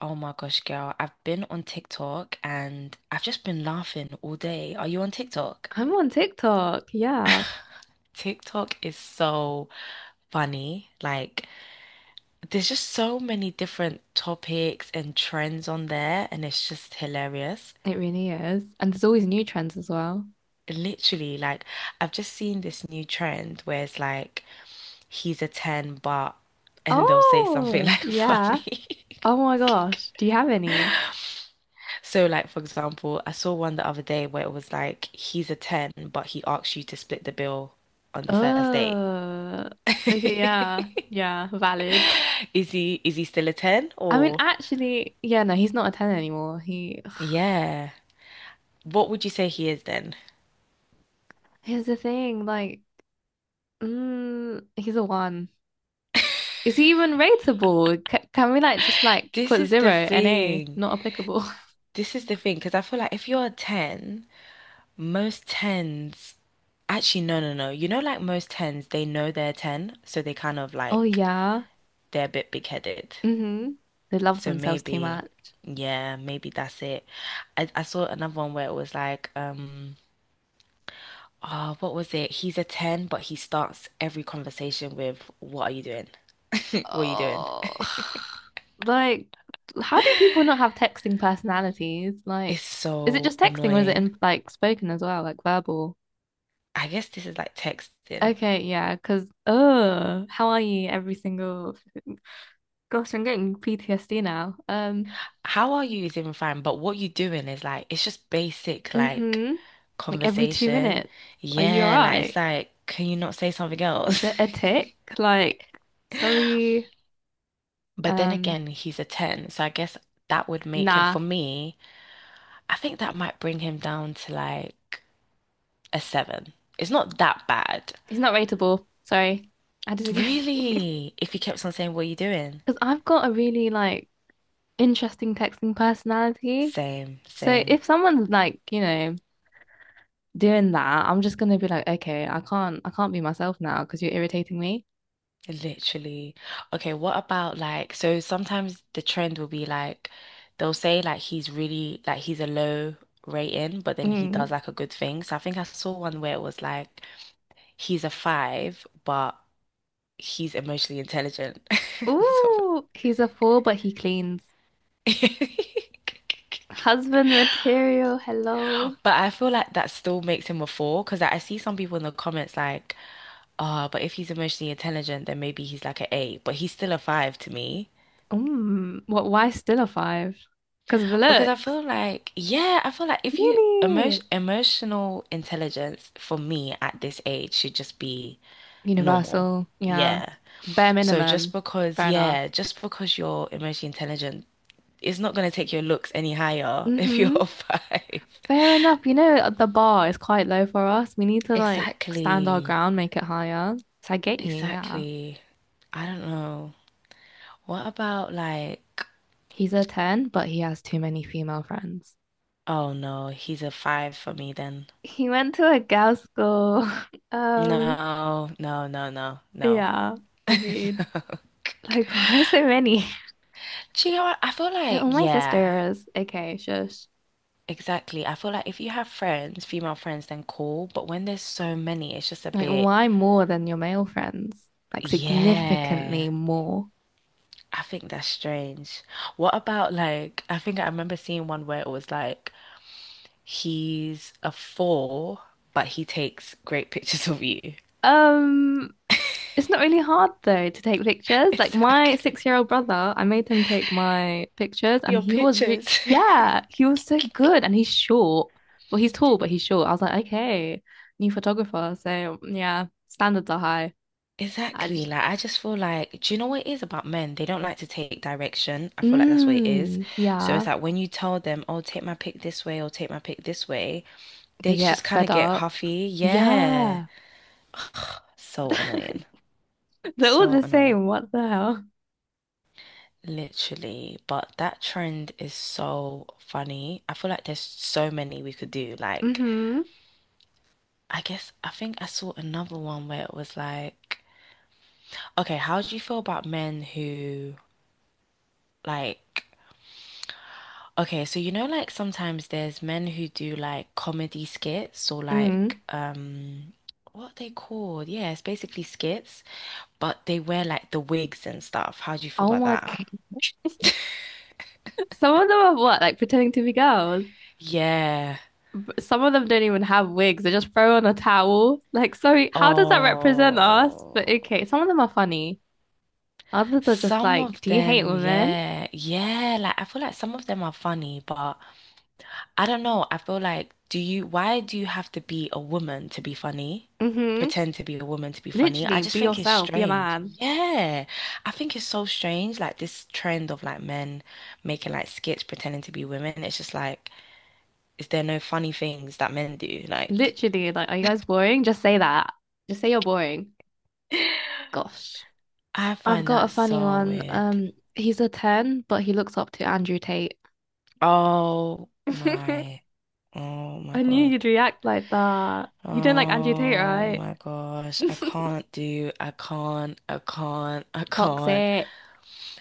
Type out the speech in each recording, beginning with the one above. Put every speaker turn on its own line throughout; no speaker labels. Oh my gosh, girl. I've been on TikTok and I've just been laughing all day. Are you on TikTok?
I'm on TikTok. Yeah,
TikTok is so funny. Like, there's just so many different topics and trends on there, and it's just hilarious.
it really is. And there's always new trends as well.
Literally, like, I've just seen this new trend where it's like, he's a 10, but, and they'll say something
Oh,
like
yeah.
funny.
Oh my gosh. Do you have any?
So, like, for example, I saw one the other day where it was like, he's a 10, but he asks you to split the bill on the first date.
Oh, okay. Yeah. Yeah. Valid.
Is he still a 10
I mean,
or?
actually, yeah, no, he's not a 10 anymore.
Yeah. What would you say he is then?
Here's the thing, like, he's a one. Is he even rateable? C can we, like, just, like,
This
put
is the
zero, NA,
thing.
not applicable?
This is the thing, because I feel like if you're a 10, most 10s actually, no, no, no. You know, like most 10s, they know they're 10, so they kind of
Oh,
like
yeah.
they're a bit big-headed.
Mm-hmm. They love
So
themselves too
maybe,
much.
yeah, maybe that's it. I saw another one where it was like, oh, what was it? He's a 10, but he starts every conversation with, "What are you doing?" What are you doing?
Oh. Like, how do people not have texting personalities? Like,
It's
is it
so
just texting or is it
annoying.
in like spoken as well, like verbal?
I guess this is like texting.
Okay, yeah, because oh, how are you every single gosh, I'm getting PTSD now.
How are you is even fine, but what you doing is like, it's just basic like
Mm-hmm. Like every two
conversation.
minutes. Are you all
Yeah, like it's
right?
like, can you not say something
Is
else?
it a tick? Like, sorry.
But then
Um,
again, he's a 10, so I guess that would make him,
nah,
for me, I think that might bring him down to like a seven. It's not that bad.
he's not rateable. Sorry. I disagree.
Really? If he kept on saying, "What are you doing?"
Because I've got a really like interesting texting personality.
Same,
So
same.
if someone's like, doing that, I'm just gonna be like, okay, I can't be myself now because you're irritating me.
Literally. Okay, what about like, so sometimes the trend will be like, they'll say like he's really, like he's a low rating, but then he does
Mm.
like a good thing. So I think I saw one where it was like, he's a five, but he's emotionally intelligent or
Ooh, he's a fool, but he cleans.
something.
Husband material, hello.
But I feel like that still makes him a four because like, I see some people in the comments like, ah, but if he's emotionally intelligent, then maybe he's like an eight, but he's still a five to me.
Mm, what, why still a five? Because of the
Because I
looks.
feel like, yeah, I feel like if you emotion
Really?
emotional intelligence for me at this age should just be normal.
Universal, yeah.
Yeah.
Bare
So just
minimum.
because,
Fair enough.
yeah, just because you're emotionally intelligent, it's not going to take your looks any higher if you're
Mm-hmm.
a five.
Fair enough. You know, the bar is quite low for us. We need to like stand our
Exactly.
ground, make it higher. So I get you, yeah.
Exactly. I don't know. What about like,
He's a 10, but he has too many female friends.
oh no, he's a five for me then.
He went to a girls' school. Um,
No, no, no, no, no.
yeah,
No.
agreed. Like, why are so many?
Do you know what? I feel
They're
like,
all my
yeah,
sisters. Okay, shush.
exactly. I feel like if you have friends, female friends, then cool. But when there's so many, it's just a
Like,
bit,
why more than your male friends? Like,
yeah.
significantly more.
I think that's strange. What about like, I think I remember seeing one where it was like, he's a four, but he takes great pictures of you.
Um, It's not really hard though to take pictures. Like my
Exactly.
6-year-old brother, I made him take my pictures and
Your
he was re
pictures.
yeah, he was so good and he's short. Well, he's tall, but he's short. I was like, okay, new photographer. So yeah, standards are high. I
Exactly.
just
Like, I just feel like, do you know what it is about men? They don't like to take direction. I feel like that's what it is.
mm,
So
yeah.
it's like when you tell them, oh, take my pick this way or take my pick this way,
They
they just
get
kind
fed
of get
up.
huffy. Yeah.
Yeah.
So annoying.
They're all
So
the
annoying.
same. What the hell?
Literally. But that trend is so funny. I feel like there's so many we could do. Like,
Mm-hmm.
I guess, I think I saw another one where it was like, okay, how do you feel about men who, like, okay, so you know, like sometimes there's men who do like comedy skits or like
Mm.
what are they called? Yeah, it's basically skits, but they wear like the wigs and stuff. How do you feel
Oh
about
my
that?
God. Some of them are what, like pretending to be girls.
Yeah.
Some of them don't even have wigs. They just throw on a towel. Like, sorry, how does that represent us? But
Oh,
okay, some of them are funny. Others are just
some
like,
of
do you hate
them,
women?
yeah, yeah. Like I feel like some of them are funny, but I don't know. I feel like, why do you have to be a woman to be funny?
Mm-hmm.
Pretend to be a woman to be funny. I
Literally,
just
be
think it's
yourself, be a
strange.
man.
Yeah. I think it's so strange. Like this trend of like men making like skits pretending to be women. It's just like, is there no funny things that men do? Like,
Literally, like, are you guys boring? Just say that. Just say you're boring. Gosh.
I
I've
find
got
that
a funny
so
one.
weird.
He's a 10, but he looks up to Andrew Tate.
Oh
I
my, oh my
knew
God.
you'd react like that. You don't like Andrew Tate,
Oh
right?
my gosh. I can't, I can't, I can't.
Toxic.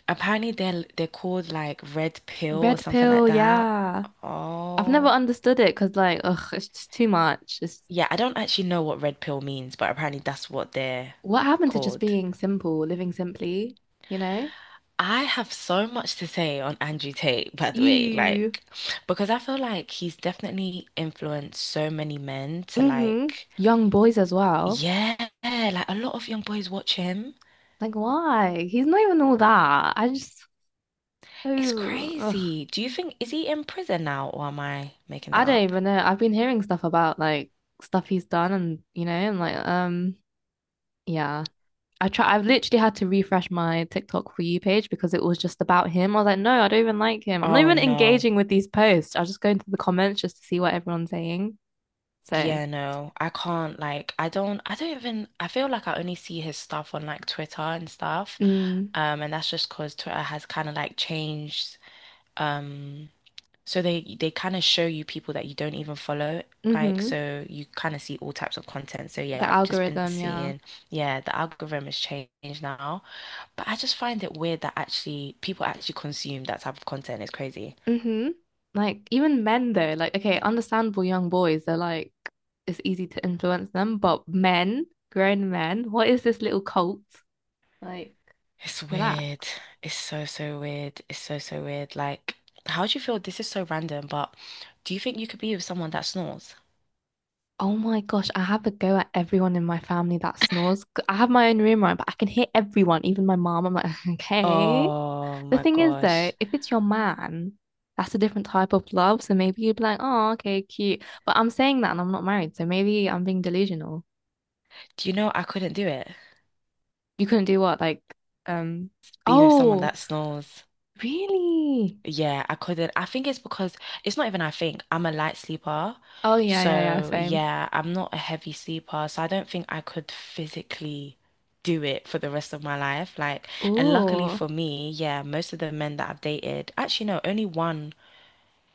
Apparently they're called like red pill or
Red
something like
pill,
that.
yeah. I've never
Oh,
understood it because like, ugh, it's just too much. It's
yeah, I don't actually know what red pill means, but apparently that's what they're
what happened to just
called.
being simple, living simply, you know?
I have so much to say on Andrew Tate, by the way,
you,
like because I feel like he's definitely influenced so many men to,
Mm-hmm.
like,
Young boys as well.
yeah, like a lot of young boys watch him.
Like, why? He's not even all that. I just,
It's
oh, ugh.
crazy. Do you think, is he in prison now, or am I making
I
that
don't
up?
even know. I've been hearing stuff about like stuff he's done and like, yeah. I've literally had to refresh my TikTok for you page because it was just about him. I was like, no, I don't even like him. I'm not
Oh
even
no.
engaging with these posts. I'll just go into the comments just to see what everyone's saying. So,
Yeah, no, I can't, like I don't even, I feel like I only see his stuff on like Twitter and stuff.
mm,
And that's just 'cause Twitter has kind of like changed, um so they kind of show you people that you don't even follow, like,
hmm.
so you kind of see all types of content. So yeah,
The
I've just been
algorithm, yeah.
seeing, yeah, the algorithm has changed now, but I just find it weird that actually people actually consume that type of content. It's crazy.
hmm Like even men though, like okay, understandable young boys, they're like it's easy to influence them, but men, grown men, what is this little cult? Like,
It's
relax.
weird. It's so, so weird. It's so, so weird. Like, how do you feel? This is so random, but do you think you could be with someone that snores?
Oh my gosh, I have a go at everyone in my family that snores. 'Cause I have my own room, right? But I can hear everyone, even my mom. I'm like, okay.
Oh
The
my
thing is, though,
gosh.
if it's your man, that's a different type of love. So maybe you'd be like, oh, okay, cute. But I'm saying that and I'm not married. So maybe I'm being delusional.
Do you know I couldn't do it?
You couldn't do what? Like, um,
Being with someone
oh,
that snores.
really?
Yeah, I couldn't. I think it's because, it's not even I think, I'm a light sleeper.
Oh, yeah, yeah, yeah,
So,
same.
yeah, I'm not a heavy sleeper. So, I don't think I could physically do it for the rest of my life. Like, and luckily
Oh,
for me, yeah, most of the men that I've dated, actually, no, only one.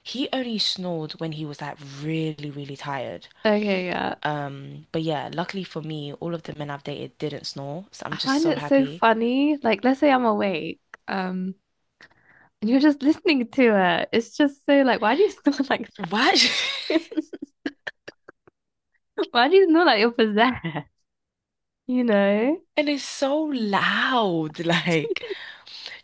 He only snored when he was like really, really tired.
okay, yeah.
But yeah, luckily for me, all of the men I've dated didn't snore, so I'm
I
just
find
so
it so
happy.
funny. Like, let's say I'm awake. Um, And you're just listening to it. It's just so like, why do you snore like
What?
this? Why do you snore like you're possessed? You know,
And it's so loud, like.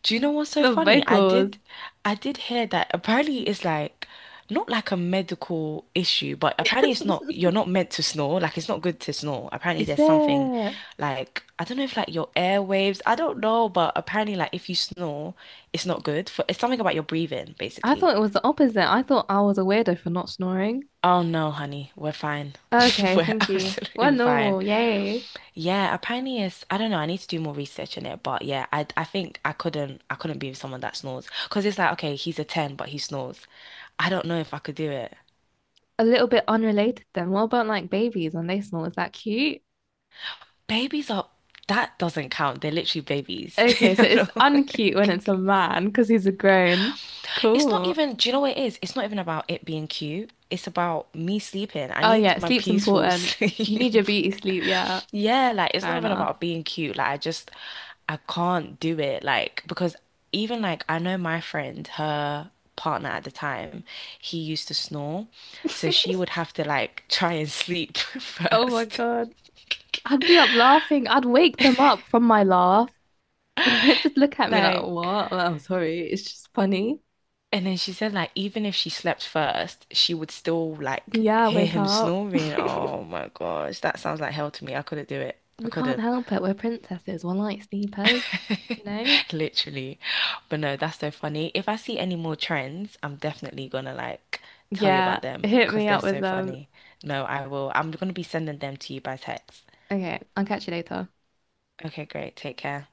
Do you know what's so
the
funny? I
vocals.
did, I did hear that apparently it's like not like a medical issue, but apparently it's not. You're not meant to snore. Like it's not good to snore. Apparently
Is
there's something,
there?
like I don't know if like your airwaves. I don't know, but apparently like if you snore, it's not good for. It's something about your breathing,
I
basically.
thought it was the opposite. I thought I was a weirdo for not snoring.
Oh no, honey, we're fine.
Okay,
We're
thank you. We're
absolutely fine.
normal. Yay.
Yeah, apparently it's, I don't know, I need to do more research on it, but yeah, I think I couldn't be with someone that snores because it's like, okay, he's a 10 but he snores. I don't know if I could do it.
A little bit unrelated then. What about like babies when they snore? Is that cute?
Babies are, that doesn't count. They're literally babies. I
Okay, so it's
don't know.
uncute when it's a man because he's a grown.
It's not
Cool.
even, do you know what it is? It's not even about it being cute. It's about me sleeping. I
Oh, yeah,
need my
sleep's
peaceful
important. You need your
sleep.
beauty sleep. Yeah,
Yeah, like it's not
fair
even
enough.
about being cute. Like I can't do it. Like, because even like I know, my friend, her partner at the time, he used to snore. So she would have to like try and sleep
Oh my
first.
God. I'd be up laughing. I'd wake them up from my laugh. And they'd just look at me like,
Like,
what? I'm like, "I'm sorry. It's just funny.
and then she said like even if she slept first, she would still like
Yeah,
hear
wake
him
up.
snoring. Oh my gosh, that sounds like hell to me. I couldn't do it. I
We can't
couldn't.
help it. We're princesses. We're like sleepers, you know?
Literally. But no, that's so funny. If I see any more trends, I'm definitely gonna like tell you
Yeah,
about them
hit
because
me
they're
up with
so
them.
funny. No, I will. I'm gonna be sending them to you by text.
Okay, I'll catch you later.
Okay, great. Take care.